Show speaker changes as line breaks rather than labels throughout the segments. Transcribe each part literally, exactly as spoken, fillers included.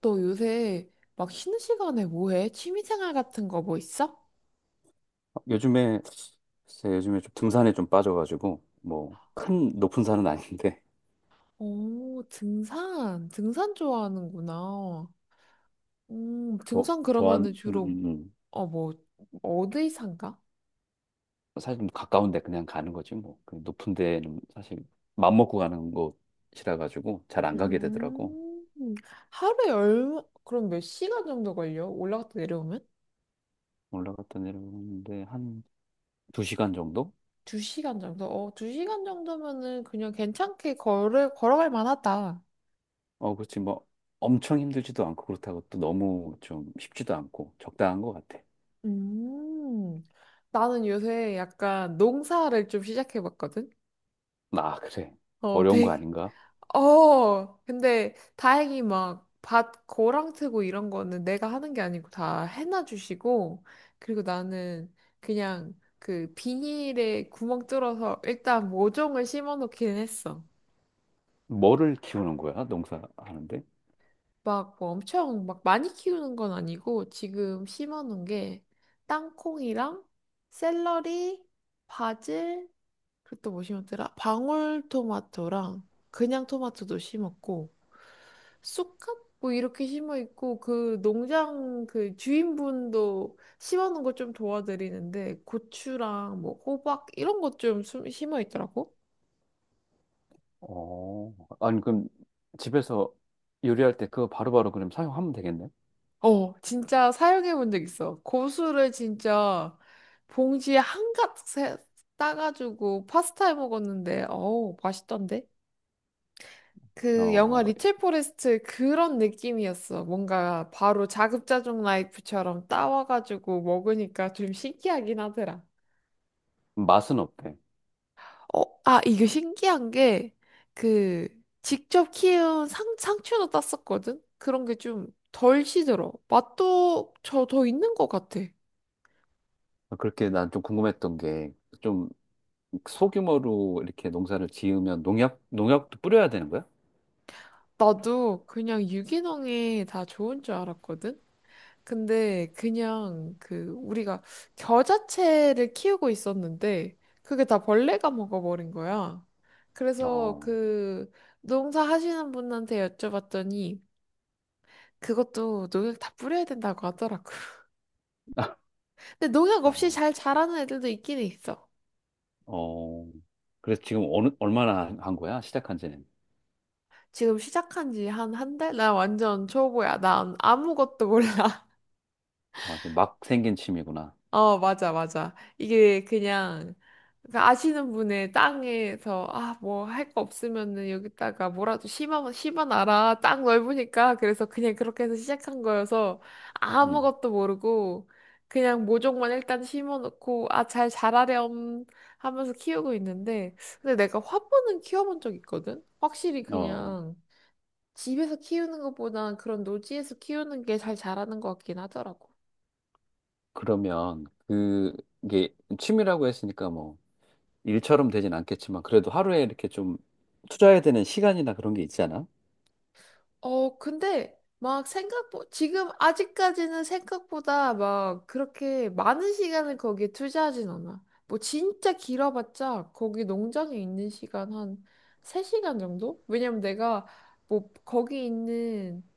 너 요새 막 쉬는 시간에 뭐 해? 취미생활 같은 거 뭐 있어?
요즘에 글쎄 요즘에 좀 등산에 좀 빠져가지고 뭐 큰 높은 산은 아닌데.
오, 등산. 등산 좋아하는구나. 음,
저
등산 그러면은
저한 음,
주로,
음. 음,
어, 뭐, 어디 산가?
사실 좀 가까운데 그냥 가는 거지 뭐. 그 높은 데는 사실 맘 먹고 가는 곳이라 가지고 잘 안 가게 되더라고.
음, 하루에 얼마, 그럼 몇 시간 정도 걸려? 올라갔다 내려오면?
올라갔다 내려오는데 한 두 시간 정도?
두 시간 정도? 어, 두 시간 정도면은 그냥 괜찮게 걸을, 걸어갈 만하다.
어, 그렇지 뭐. 엄청 힘들지도 않고 그렇다고 또 너무 좀 쉽지도 않고 적당한 것 같아.
음, 나는 요새 약간 농사를 좀 시작해봤거든?
아, 그래.
어,
어려운 거
되게,
아닌가?
어, 근데 다행히 막 밭 고랑 트고 이런 거는 내가 하는 게 아니고 다 해놔 주시고 그리고 나는 그냥 그 비닐에 구멍 뚫어서 일단 모종을 심어 놓기는 했어.
뭐를 키우는 거야, 농사하는데?
막 뭐 엄청 막 많이 키우는 건 아니고 지금 심어 놓은 게 땅콩이랑 샐러리, 바질, 그리고 또 뭐 심었더라? 방울토마토랑 그냥 토마토도 심었고 쑥갓 뭐 이렇게 심어 있고 그 농장 그 주인분도 심어 놓은 거 좀 도와드리는데 고추랑 뭐 호박 이런 것 좀 심어 있더라고.
어, 아니, 그럼 집에서 요리할 때 그거 바로바로 그럼 사용하면 되겠네?
어, 진짜 사용해 본 적 있어. 고수를 진짜 봉지에 한가득 세- 따가지고 파스타 해 먹었는데 어우 맛있던데. 그 영화
어,
리첼 포레스트 그런 느낌이었어. 뭔가 바로 자급자족 라이프처럼 따와가지고 먹으니까 좀 신기하긴 하더라.
맛은 어때?
어, 아, 이게 신기한 게 그 직접 키운 상, 상추도 땄었거든? 그런 게 좀 덜 시들어. 맛도 저 더 있는 것 같아.
그렇게 난 좀 궁금했던 게, 좀 소규모로 이렇게 농사를 지으면 농약, 농약도 뿌려야 되는 거야?
나도 그냥 유기농에 다 좋은 줄 알았거든? 근데 그냥 그 우리가 겨자채를 키우고 있었는데 그게 다 벌레가 먹어버린 거야. 그래서
어,
그 농사하시는 분한테 여쭤봤더니 그것도 농약 다 뿌려야 된다고 하더라고. 근데 농약 없이
아,
잘 자라는 애들도 있긴 있어.
어, 그래서 지금 어느, 얼마나 한 한 거야? 시작한 지는?
지금 시작한 지 한 한 달? 나 완전 초보야. 난 아무것도 몰라.
아, 이제 막 생긴 취미구나.
어, 맞아, 맞아. 이게 그냥 그 아시는 분의 땅에서 아, 뭐 할 거 없으면은 여기다가 뭐라도 심어, 심어놔라. 땅 넓으니까. 그래서 그냥 그렇게 해서 시작한 거여서
음,
아무것도 모르고 그냥 모종만 일단 심어놓고 아, 잘 자라렴 하면서 키우고 있는데 근데 내가 화분은 키워본 적 있거든? 확실히
어,
그냥 집에서 키우는 것보단 그런 노지에서 키우는 게 잘 자라는 것 같긴 하더라고.
그러면 그게 취미라고 했으니까 뭐, 일처럼 되진 않겠지만 그래도 하루에 이렇게 좀 투자해야 되는 시간이나 그런 게 있잖아.
어, 근데 막 생각보 지금 아직까지는 생각보다 막 그렇게 많은 시간을 거기에 투자하진 않아. 뭐 진짜 길어봤자 거기 농장에 있는 시간 한 세 시간 정도? 왜냐면 내가 뭐 거기 있는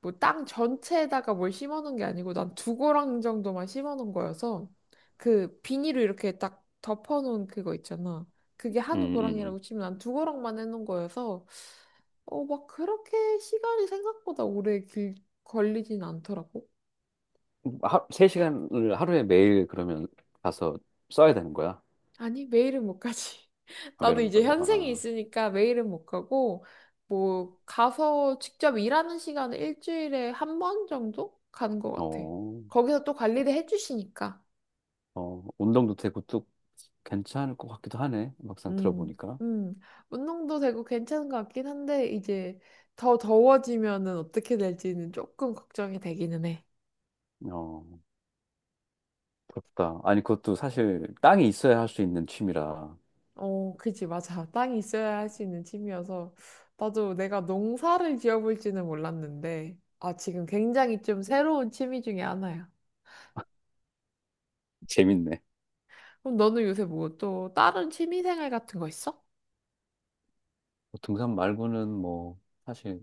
뭐 땅 전체에다가 뭘 심어 놓은 게 아니고 난 두 고랑 정도만 심어 놓은 거여서 그 비닐로 이렇게 딱 덮어 놓은 그거 있잖아. 그게 한
음,
고랑이라고 치면 난 두 고랑만 해 놓은 거여서 어, 막 그렇게 시간이 생각보다 오래 길, 걸리진 않더라고.
음. 하, 세 시간을 하루에 매일 그러면 가서 써야 되는 거야.
아니, 매일은 못 가지.
아,
나도
매일 못
이제
가고.
현생이
아,
있으니까 매일은 못 가고 뭐 가서 직접 일하는 시간은 일주일에 한 번 정도 가는 것 같아.
어,
거기서 또 관리를 해주시니까.
어, 운동도 되고 또 괜찮을 것 같기도 하네. 막상
음,
들어보니까.
음. 운동도 되고 괜찮은 것 같긴 한데, 이제 더 더워지면은 어떻게 될지는 조금 걱정이 되기는 해.
어, 부럽다. 아니, 그것도 사실 땅이 있어야 할 수 있는 취미라.
어, 그지, 맞아. 땅이 있어야 할 수 있는 취미여서. 나도 내가 농사를 지어볼지는 몰랐는데, 아, 지금 굉장히 좀 새로운 취미 중에 하나야.
재밌네.
그럼 너는 요새 뭐 또 다른 취미 생활 같은 거 있어?
뭐 등산 말고는 뭐 사실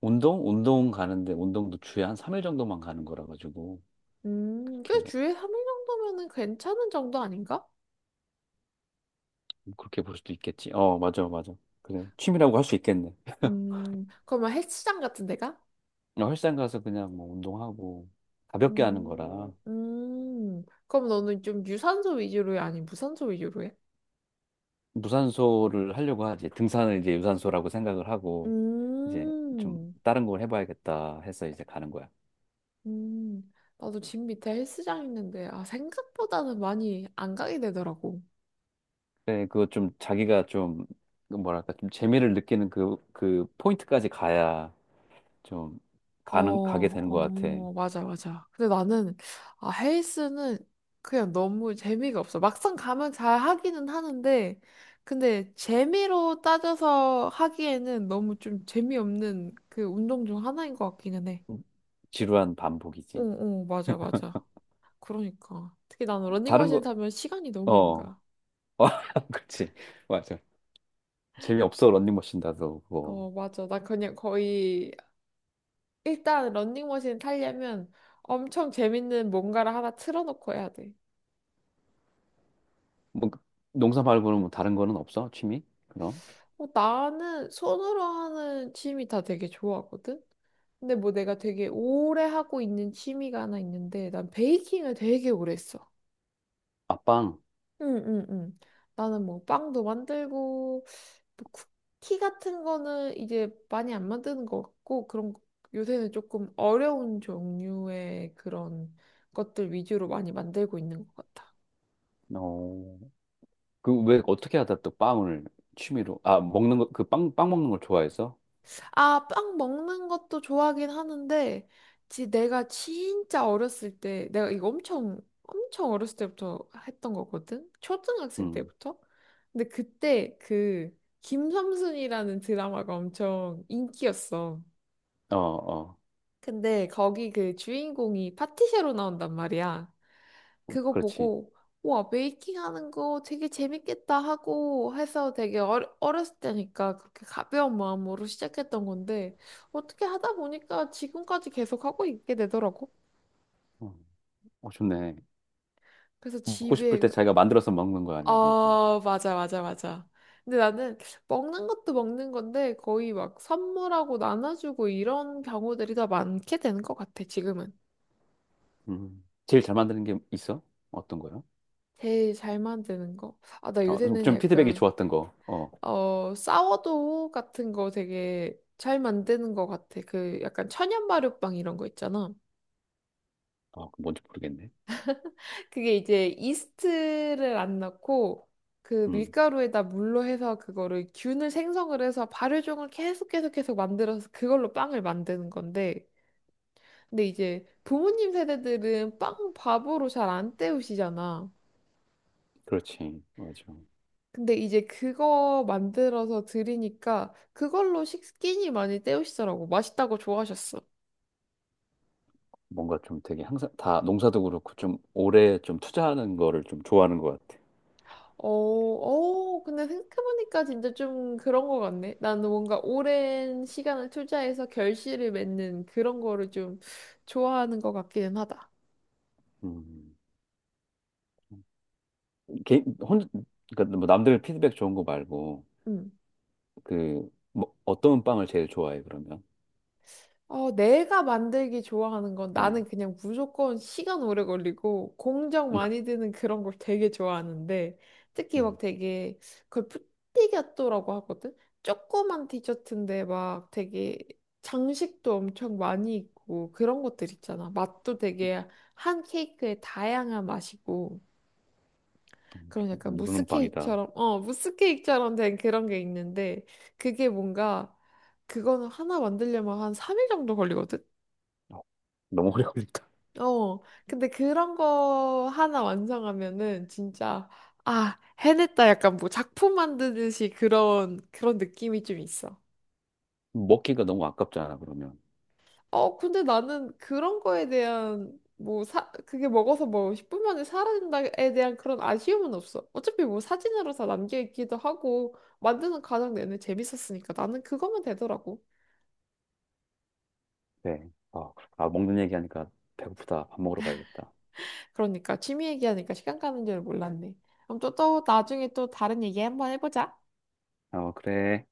운동? 운동 가는데 운동도 주에 한 삼 일 정도만 가는 거라 가지고.
음, 꽤
그렇게
주에 삼 일 정도면은 괜찮은 정도 아닌가?
뭐 그렇게 볼 수도 있겠지. 어, 맞아, 맞아. 그래. 취미라고 할 수 있겠네.
음, 그러면 헬스장 같은 데가?
그냥 헬스장 가서 그냥 뭐 운동하고 가볍게 하는
음,
거라.
음. 그럼 너는 좀 유산소 위주로 해? 아니, 무산소 위주로 해?
무산소를 하려고 하지. 등산을 이제 유산소라고 생각을 하고 이제 좀
음,
다른 걸 해봐야겠다 해서 이제 가는 거야.
음. 나도 집 밑에 헬스장 있는데, 아, 생각보다는 많이 안 가게 되더라고.
그데 그거 좀 자기가 좀그 뭐랄까 좀 재미를 느끼는 그, 그 포인트까지 가야 좀
어,
가는, 가게 되는 것 같아.
어, 맞아, 맞아. 근데 나는, 아, 헬스는 그냥 너무 재미가 없어. 막상 가면 잘 하기는 하는데, 근데 재미로 따져서 하기에는 너무 좀 재미없는 그 운동 중 하나인 것 같기는 해.
지루한
어,
반복이지.
어, 맞아, 맞아. 그러니까. 특히 나는
다른
러닝머신
거,
타면 시간이 너무 안
어,
가.
어, 그렇지. 맞아. 재미없어 런닝머신 다도 그거.
어, 맞아. 나 그냥 거의, 일단 러닝머신 타려면 엄청 재밌는 뭔가를 하나 틀어놓고 해야 돼.
뭐 농사 말고는 뭐 다른 거는 없어 취미 그럼?
어, 나는 손으로 하는 취미 다 되게 좋아하거든? 근데 뭐 내가 되게 오래 하고 있는 취미가 하나 있는데, 난 베이킹을 되게 오래 했어.
아, 빵.
응, 응, 응. 나는 뭐 빵도 만들고, 뭐 쿠키 같은 거는 이제 많이 안 만드는 것 같고 그런 거- 요새는 조금 어려운 종류의 그런 것들 위주로 많이 만들고 있는 것 같아.
어, 그 왜 어떻게 하다 또 빵을 취미로? 아, 먹는 거? 그 빵 빵 먹는 걸 좋아해서?
아, 빵 먹는 것도 좋아하긴 하는데 지 내가 진짜 어렸을 때 내가 이거 엄청 엄청 어렸을 때부터 했던 거거든. 초등학생
음어
때부터. 근데 그때 그 김삼순이라는 드라마가 엄청 인기였어.
어. 어,
근데 거기 그 주인공이 파티셰로 나온단 말이야. 그거
그렇지.
보고 와 메이킹 하는 거 되게 재밌겠다 하고 해서 되게 어려, 어렸을 때니까 그렇게 가벼운 마음으로 시작했던 건데 어떻게 하다 보니까 지금까지 계속 하고 있게 되더라고.
어, 어, 좋네.
그래서
먹고
집에
싶을 때
그-
자기가 만들어서 먹는 거 아니야 그냥?
아 맞아 맞아 맞아. 근데 나는 먹는 것도 먹는 건데 거의 막 선물하고 나눠주고 이런 경우들이 더 많게 되는 것 같아 지금은.
음, 제일 잘 만드는 게 있어? 어떤 거요?
제일 잘 만드는 거. 아 나 요새는
어좀 피드백이
약간
좋았던 거어
어, 사워도 같은 거 되게 잘 만드는 것 같아. 그 약간 천연 발효빵 이런 거 있잖아.
아, 그 뭔지 모르겠네.
그게 이제 이스트를 안 넣고 그
음.
밀가루에다 물로 해서 그거를 균을 생성을 해서 발효종을 계속 계속 계속 만들어서 그걸로 빵을 만드는 건데. 근데 이제 부모님 세대들은 빵 밥으로 잘 안 때우시잖아.
그렇지, 맞아.
근데 이제 그거 만들어서 드리니까 그걸로 식기니 많이 때우시더라고. 맛있다고 좋아하셨어.
뭔가 좀 되게 항상 다 농사도 그렇고 좀 오래 좀 투자하는 거를 좀 좋아하는 것 같아.
어, 어, 근데 생각해보니까 진짜 좀 그런 거 같네. 나는 뭔가 오랜 시간을 투자해서 결실을 맺는 그런 거를 좀 좋아하는 것 같기는 하다.
음. 개, 혼, 그러니까 뭐 남들 피드백 좋은 거 말고
음.
그 뭐 어떤 빵을 제일 좋아해 그러면?
어, 내가 만들기 좋아하는 건 나는
음.
그냥 무조건 시간 오래 걸리고 공정 많이 드는 그런 걸 되게 좋아하는데 특히 막
음.
되게 그걸 푸티가또라고 하거든? 조그만 디저트인데 막 되게 장식도 엄청 많이 있고 그런 것들 있잖아. 맛도 되게 한 케이크에 다양한 맛이고 그런 약간 무스
모르는 빵이다.
케이크처럼 어, 무스 케이크처럼 된 그런 게 있는데 그게 뭔가 그거는 하나 만들려면 한 삼 일 정도 걸리거든?
어, 너무 오래 걸린다.
어, 근데 그런 거 하나 완성하면은 진짜, 아, 해냈다. 약간 뭐 작품 만드듯이 그런, 그런 느낌이 좀 있어.
먹기가 너무 아깝잖아 그러면.
어, 근데 나는 그런 거에 대한, 뭐, 사, 그게 먹어서 뭐 십 분 만에 사라진다에 대한 그런 아쉬움은 없어. 어차피 뭐 사진으로 다 남겨있기도 하고, 만드는 과정 내내 재밌었으니까 나는 그거면 되더라고.
네. 아, 그렇구나. 아, 먹는 얘기하니까 배고프다. 밥 먹으러 가야겠다.
그러니까 취미 얘기하니까 시간 가는 줄 몰랐네. 그럼 또, 또 나중에 또 다른 얘기 한번 해보자.
어, 그래.